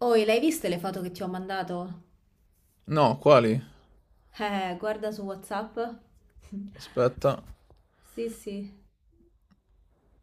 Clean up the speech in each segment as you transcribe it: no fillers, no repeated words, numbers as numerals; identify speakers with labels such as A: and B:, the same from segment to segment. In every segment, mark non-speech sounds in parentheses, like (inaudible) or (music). A: Oh, e l'hai viste le foto che ti ho mandato?
B: No, quali?
A: Guarda su WhatsApp. (laughs)
B: Aspetta.
A: Sì, sì.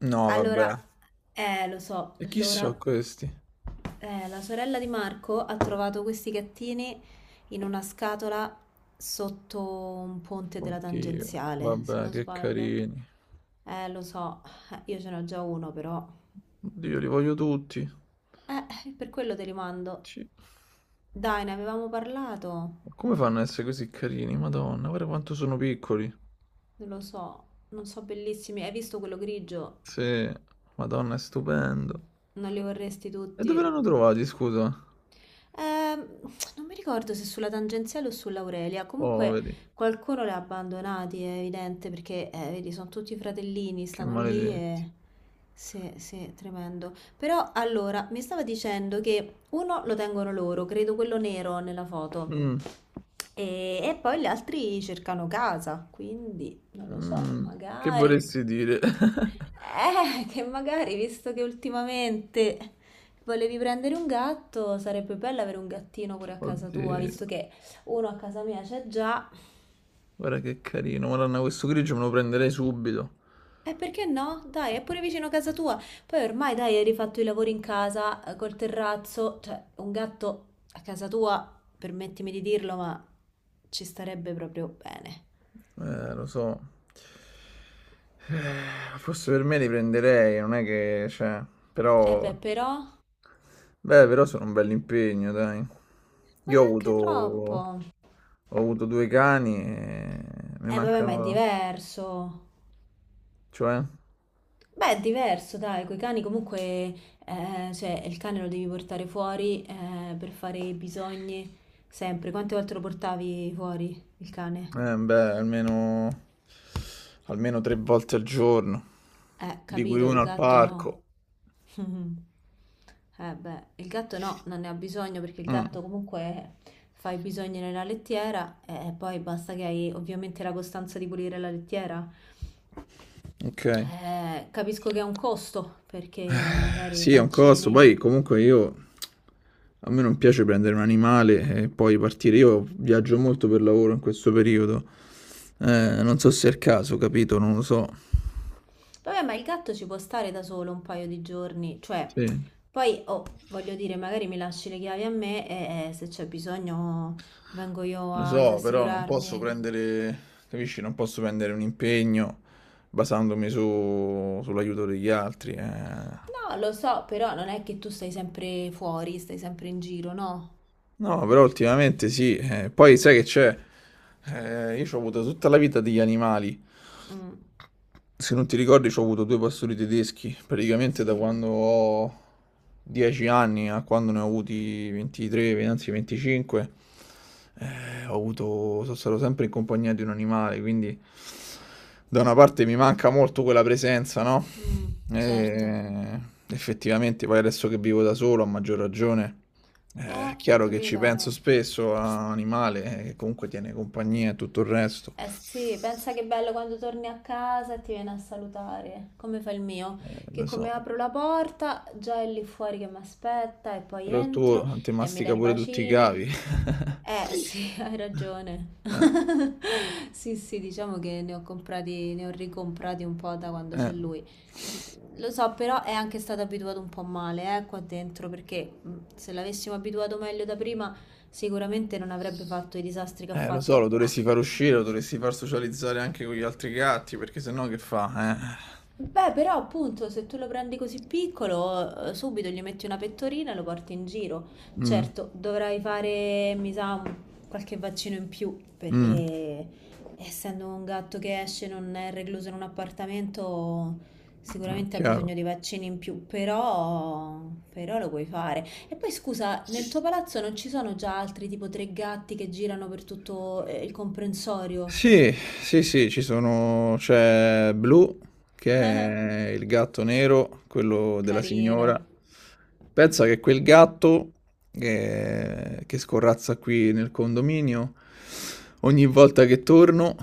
B: No, vabbè.
A: Allora, lo so,
B: E chi sono
A: allora,
B: questi?
A: la sorella di Marco ha trovato questi gattini in una scatola sotto un ponte della
B: Oddio,
A: tangenziale, se
B: vabbè,
A: non
B: che
A: sbaglio.
B: carini.
A: Lo so, io ce n'ho già uno però.
B: Oddio, li voglio tutti.
A: Per quello te li mando.
B: Sì.
A: Dai, ne avevamo parlato.
B: Ma come fanno a essere così carini? Madonna, guarda quanto sono piccoli.
A: Non lo so, non so, bellissimi. Hai visto quello grigio?
B: Sì, Madonna, è stupendo.
A: Non li vorresti
B: E
A: tutti?
B: dove l'hanno trovati, scusa?
A: Ehm, Non mi ricordo se sulla tangenziale o sull'Aurelia. Comunque
B: Poveri,
A: qualcuno li ha abbandonati, è evidente, perché vedi, sono tutti fratellini,
B: che
A: stanno lì
B: maledetti.
A: e... Sì, sì, tremendo. Però allora, mi stava dicendo che uno lo tengono loro, credo quello nero nella foto,
B: Mm,
A: e, poi gli altri cercano casa, quindi non lo so,
B: mm, che
A: magari...
B: vorresti dire? (laughs)
A: Che magari, visto che ultimamente volevi prendere un gatto, sarebbe bello avere un gattino pure a casa tua,
B: Oddio,
A: visto che uno a casa mia c'è già.
B: guarda che carino. Madonna, questo grigio me lo prenderei subito.
A: E perché no? Dai, è pure vicino a casa tua. Poi ormai, dai, hai rifatto i lavori in casa, col terrazzo, cioè un gatto a casa tua, permettimi di dirlo, ma ci starebbe proprio bene.
B: Lo so. Forse per me li prenderei, non è che, cioè,
A: Eh
B: però,
A: beh, però, ma
B: beh, però sono un bel impegno, dai. Io ho
A: neanche troppo.
B: avuto, ho avuto due cani e mi
A: Eh vabbè, ma è
B: mancano,
A: diverso.
B: cioè,
A: Beh, è diverso, dai, coi cani comunque, cioè, il cane lo devi portare fuori, per fare i bisogni, sempre. Quante volte lo portavi fuori, il cane?
B: beh, almeno, almeno tre volte al giorno, di cui
A: Capito,
B: uno
A: il
B: al
A: gatto no.
B: parco.
A: (laughs) Eh beh, il gatto no, non ne ha bisogno perché il
B: Mm,
A: gatto comunque fa i bisogni nella lettiera e poi basta che hai ovviamente la costanza di pulire la lettiera.
B: ok.
A: Capisco che è un costo perché magari
B: Sì, è un costo.
A: vaccini.
B: Poi comunque io a me non piace prendere un animale e poi partire. Io viaggio molto per lavoro in questo periodo. Non so se è il caso, capito? Non lo so.
A: Vabbè, ma il gatto ci può stare da solo un paio di giorni, cioè,
B: Sì,
A: poi, oh, voglio dire, magari mi lasci le chiavi a me e se c'è bisogno vengo io
B: lo
A: a
B: so, però non posso
A: assicurarmi.
B: prendere, capisci? Non posso prendere un impegno basandomi sull'aiuto degli altri.
A: No, lo so, però non è che tu stai sempre fuori, stai sempre in giro, no?
B: No, però ultimamente sì. Poi sai che c'è? Io ho avuto tutta la vita degli animali.
A: Mm,
B: Se non ti ricordi, ho avuto due pastori tedeschi, praticamente da
A: sì,
B: quando ho 10 anni a quando ne ho avuti 23, anzi 25, sono stato sempre in compagnia di un animale, quindi da una parte mi manca molto quella presenza, no?
A: mm, certo.
B: E effettivamente, poi adesso che vivo da solo, a maggior ragione, è chiaro che ci
A: Capito.
B: penso spesso a un animale che comunque tiene compagnia e tutto il resto.
A: Eh sì, pensa che bello quando torni a casa e ti viene a salutare, come fa il mio, che
B: Lo
A: come
B: so.
A: apro la porta già è lì fuori che mi aspetta e poi
B: Però il
A: entro
B: tuo ti
A: e mi
B: mastica
A: dai
B: pure tutti i
A: bacini.
B: cavi. (laughs)
A: Eh sì, (laughs) hai ragione.
B: Eh,
A: (laughs) Sì, sì, diciamo che ne ho comprati, ne ho ricomprati un po' da quando c'è
B: eh.
A: lui. Lo so, però è anche stato abituato un po' male, qua dentro, perché se l'avessimo abituato meglio da prima, sicuramente non avrebbe fatto i disastri che ha
B: Lo so, lo
A: fatto.
B: dovresti far uscire, lo dovresti far socializzare anche con gli altri gatti, perché sennò che fa?
A: Beh, però appunto se tu lo prendi così piccolo, subito gli metti una pettorina e lo porti in giro.
B: Eh?
A: Certo, dovrai fare, mi sa, qualche vaccino in più,
B: Mm,
A: perché essendo un gatto che esce, non è recluso in un appartamento,
B: mm,
A: sicuramente ha bisogno
B: chiaro.
A: di vaccini in più, però, però lo puoi fare. E poi scusa, nel tuo palazzo non ci sono già altri tipo tre gatti che girano per tutto il comprensorio?
B: Sì, sì, sì, ci sono, c'è Blue, che
A: (laughs)
B: è il gatto nero, quello della signora.
A: Carino.
B: Pensa che quel gatto che scorrazza qui nel condominio, ogni volta che torno,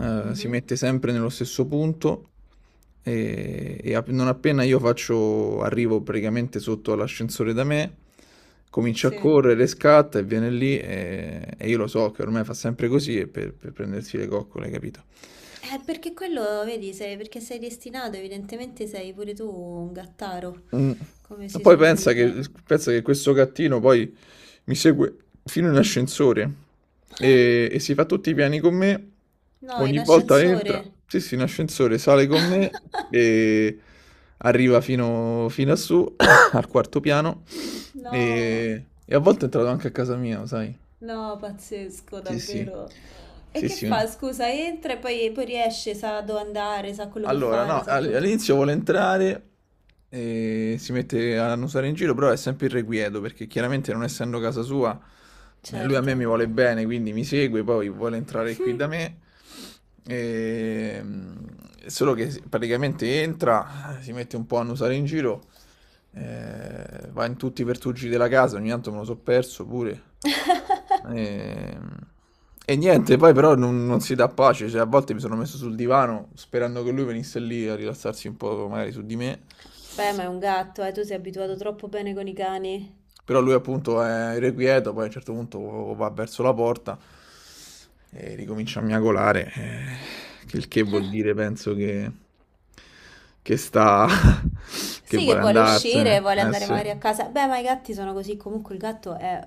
B: si
A: Mhm,
B: mette sempre nello stesso punto e non appena arrivo praticamente sotto all'ascensore da me, comincia a
A: sì.
B: correre, scatta e viene lì e io lo so che ormai fa sempre così e per prendersi le coccole, capito?
A: Perché quello, vedi, perché sei destinato, evidentemente sei pure tu un gattaro,
B: Mm.
A: come si suol dire.
B: Pensa che questo gattino poi mi segue fino in ascensore e si fa tutti i piani con me.
A: No,
B: Ogni
A: in
B: volta entra,
A: ascensore.
B: sì, sì, in ascensore, sale con me
A: (laughs)
B: e arriva fino a su, (coughs) al quarto piano.
A: No,
B: E a volte è entrato anche a casa mia, sai?
A: no, pazzesco,
B: Sì, sì,
A: davvero. E
B: sì,
A: che
B: sì.
A: fa? Scusa, entra e poi, poi riesce, sa dove andare, sa quello che
B: Allora,
A: fare,
B: no,
A: sa tutto.
B: all'inizio vuole entrare e si mette a annusare in giro, però è sempre irrequieto perché chiaramente non essendo casa sua, lui a me mi
A: Certo.
B: vuole bene, quindi mi segue, poi vuole entrare
A: (laughs)
B: qui
A: Hm.
B: da me. E, mm, solo che praticamente entra, si mette un po' a annusare in giro, va in tutti i pertugi della casa, ogni tanto me lo so perso pure. E, e niente, poi però non si dà pace, cioè a volte mi sono messo sul divano sperando che lui venisse lì a rilassarsi un po' magari su di me,
A: Beh, ma è un gatto, tu sei abituato troppo bene con i cani.
B: però lui appunto è irrequieto, poi a un certo punto va verso la porta e ricomincia a miagolare, che il che vuol dire penso che sta, (laughs) che
A: Sì, che
B: vuole sta per
A: vuole uscire,
B: andarsene.
A: vuole
B: Andarsene, eh
A: andare
B: sì,
A: magari a casa. Beh, ma i gatti sono così. Comunque il gatto è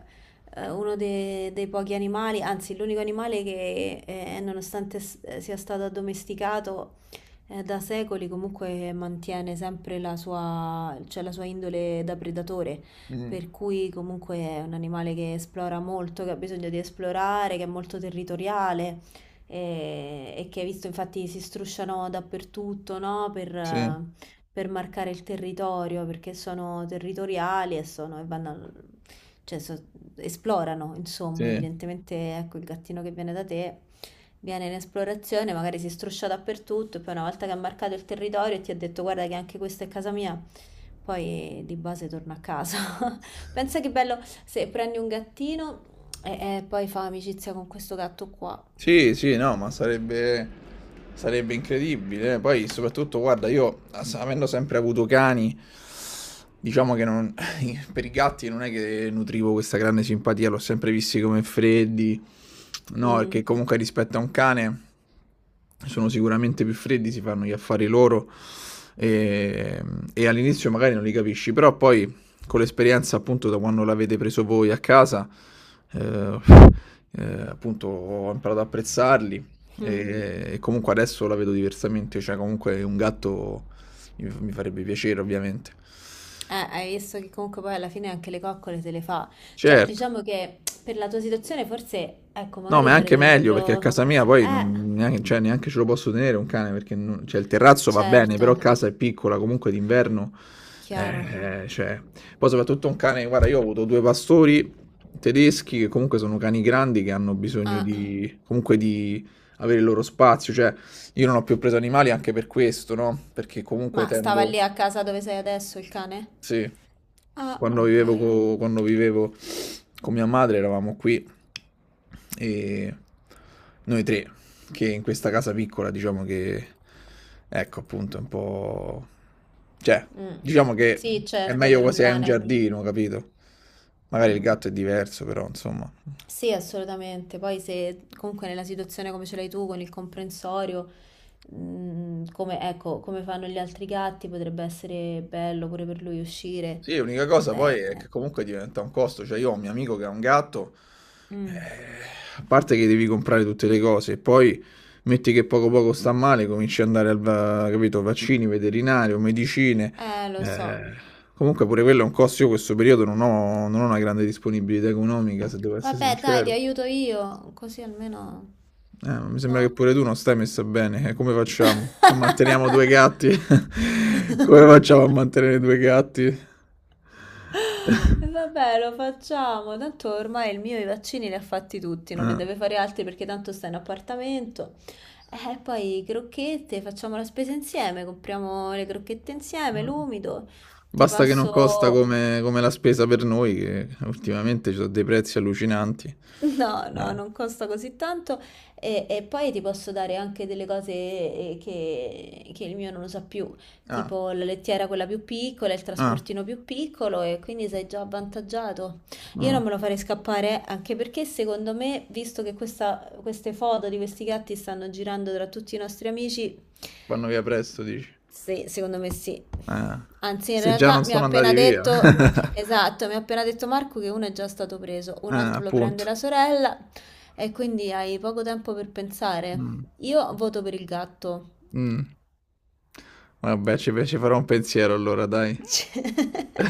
A: uno dei pochi animali, anzi, l'unico animale che, nonostante sia stato addomesticato da secoli, comunque mantiene sempre la sua, cioè la sua indole da predatore.
B: Mm,
A: Per cui comunque è un animale che esplora molto, che ha bisogno di esplorare, che è molto territoriale e che hai visto infatti si strusciano dappertutto, no?
B: sì,
A: Per marcare il territorio, perché sono territoriali e sono, e vanno, cioè, esplorano, insomma,
B: sì.
A: evidentemente, ecco, il gattino che viene da te viene in esplorazione, magari si struscia dappertutto e poi una volta che ha marcato il territorio e ti ha detto guarda che anche questa è casa mia, poi di base torna a casa. (laughs) Pensa che bello se prendi un gattino e poi fa amicizia con questo gatto qua.
B: Sì, sì, no, ma sarebbe, sarebbe incredibile. Poi, soprattutto, guarda, io avendo sempre avuto cani, diciamo che (laughs) per i gatti non è che nutrivo questa grande simpatia, l'ho sempre visti come freddi. No, perché
A: Mm,
B: comunque rispetto a un cane sono sicuramente più freddi, si fanno gli affari loro e, e all'inizio magari non li capisci, però poi con l'esperienza appunto da quando l'avete preso voi a casa, eh, appunto ho imparato ad apprezzarli
A: mm.
B: e comunque adesso la vedo diversamente, cioè comunque un gatto mi farebbe piacere ovviamente.
A: Hai visto che comunque poi alla fine anche le coccole se le fa. Cioè,
B: Certo.
A: diciamo che per la tua situazione forse, ecco,
B: No, ma
A: magari
B: è anche
A: sarebbe
B: meglio perché a
A: proprio...
B: casa mia poi
A: Eh,
B: neanche, cioè, neanche ce lo posso tenere un cane perché cioè, il terrazzo va bene, però
A: certo,
B: casa è piccola, comunque d'inverno.
A: chiaro.
B: eh, cioè. Poi soprattutto un cane, guarda, io ho avuto due pastori tedeschi che comunque sono cani grandi che hanno bisogno
A: Ah,
B: di, comunque di avere il loro spazio. Cioè, io non ho più preso animali anche per questo, no? Perché comunque
A: ma stava
B: tendo...
A: lì a casa dove sei adesso il cane?
B: Sì,
A: Ah, ok.
B: quando vivevo con mia madre eravamo qui e noi tre, che in questa casa piccola diciamo che, ecco appunto, è un po'... cioè,
A: Mm.
B: diciamo che
A: Sì,
B: è È
A: certo,
B: meglio più
A: per un
B: quasi hai un tranquilla.
A: cane.
B: Giardino, capito? Magari il
A: Mm.
B: gatto è diverso, però insomma...
A: Sì, assolutamente. Poi se comunque nella situazione come ce l'hai tu con il comprensorio, mm, come, ecco, come fanno gli altri gatti, potrebbe essere bello pure per lui uscire.
B: Sì, l'unica cosa poi
A: Cioè,
B: è che comunque diventa un costo, cioè io ho un mio amico che ha un gatto, eh,
A: mm.
B: a parte che devi comprare tutte le cose, e poi metti che poco poco sta male, cominci ad andare capito, vaccini, veterinario, medicine,
A: Lo
B: eh,
A: so.
B: comunque pure quello è un costo, io in questo periodo non ho una grande disponibilità economica, se devo essere
A: Vabbè, dai, ti
B: sincero.
A: aiuto io, così almeno...
B: Ma mi sembra che
A: No?
B: pure tu non stai messa bene, come facciamo? Manteniamo due gatti?
A: (laughs)
B: (laughs) Come facciamo a mantenere due gatti?
A: E
B: (laughs)
A: vabbè, lo facciamo. Tanto ormai il mio i vaccini li ha fatti tutti, non ne
B: Eh,
A: deve fare altri perché tanto sta in appartamento. E poi crocchette, facciamo la spesa insieme, compriamo le crocchette insieme,
B: eh.
A: l'umido. Ti
B: Basta che non costa
A: passo.
B: come la spesa per noi, che ultimamente ci sono dei prezzi allucinanti.
A: No, no,
B: Eh.
A: non costa così tanto e poi ti posso dare anche delle cose che, il mio non usa più,
B: Ah,
A: tipo la lettiera quella più piccola, il
B: ah,
A: trasportino più piccolo e quindi sei già avvantaggiato. Io
B: mm,
A: non me lo farei scappare anche perché secondo me, visto che queste foto di questi gatti stanno girando tra tutti i nostri amici,
B: vanno via presto, dici.
A: sì, secondo me sì.
B: Eh,
A: Anzi, in
B: Se già non
A: realtà mi ha
B: sono
A: appena
B: andati via. (laughs)
A: detto... Esatto, mi ha appena detto Marco che uno è già stato preso, un altro lo prende
B: Appunto.
A: la sorella e quindi hai poco tempo per pensare.
B: Mm,
A: Io voto per il gatto.
B: mm. Vabbè, ci farò un pensiero allora, dai.
A: (laughs) Cioè,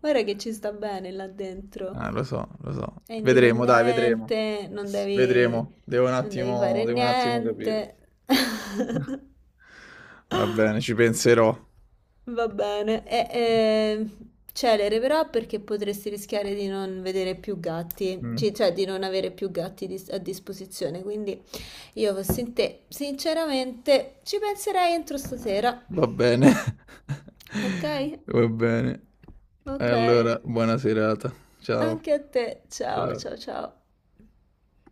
A: guarda che ci sta bene là dentro.
B: Ah, lo so, lo so.
A: È
B: Vedremo, dai, vedremo.
A: indipendente, non devi,
B: Vedremo.
A: non devi fare
B: Devo un attimo capire.
A: niente. (laughs)
B: (laughs) Va bene, ci penserò.
A: Va bene. E, celere però perché potresti rischiare di non vedere più gatti,
B: Mm,
A: cioè di non avere più gatti a disposizione, quindi... Io fossi in te, sinceramente, ci penserei entro stasera.
B: Va bene.
A: Ok?
B: (laughs) Va bene.
A: Ok.
B: Allora, buona serata. Ciao.
A: Anche a te. Ciao, ciao,
B: Ciao.
A: ciao.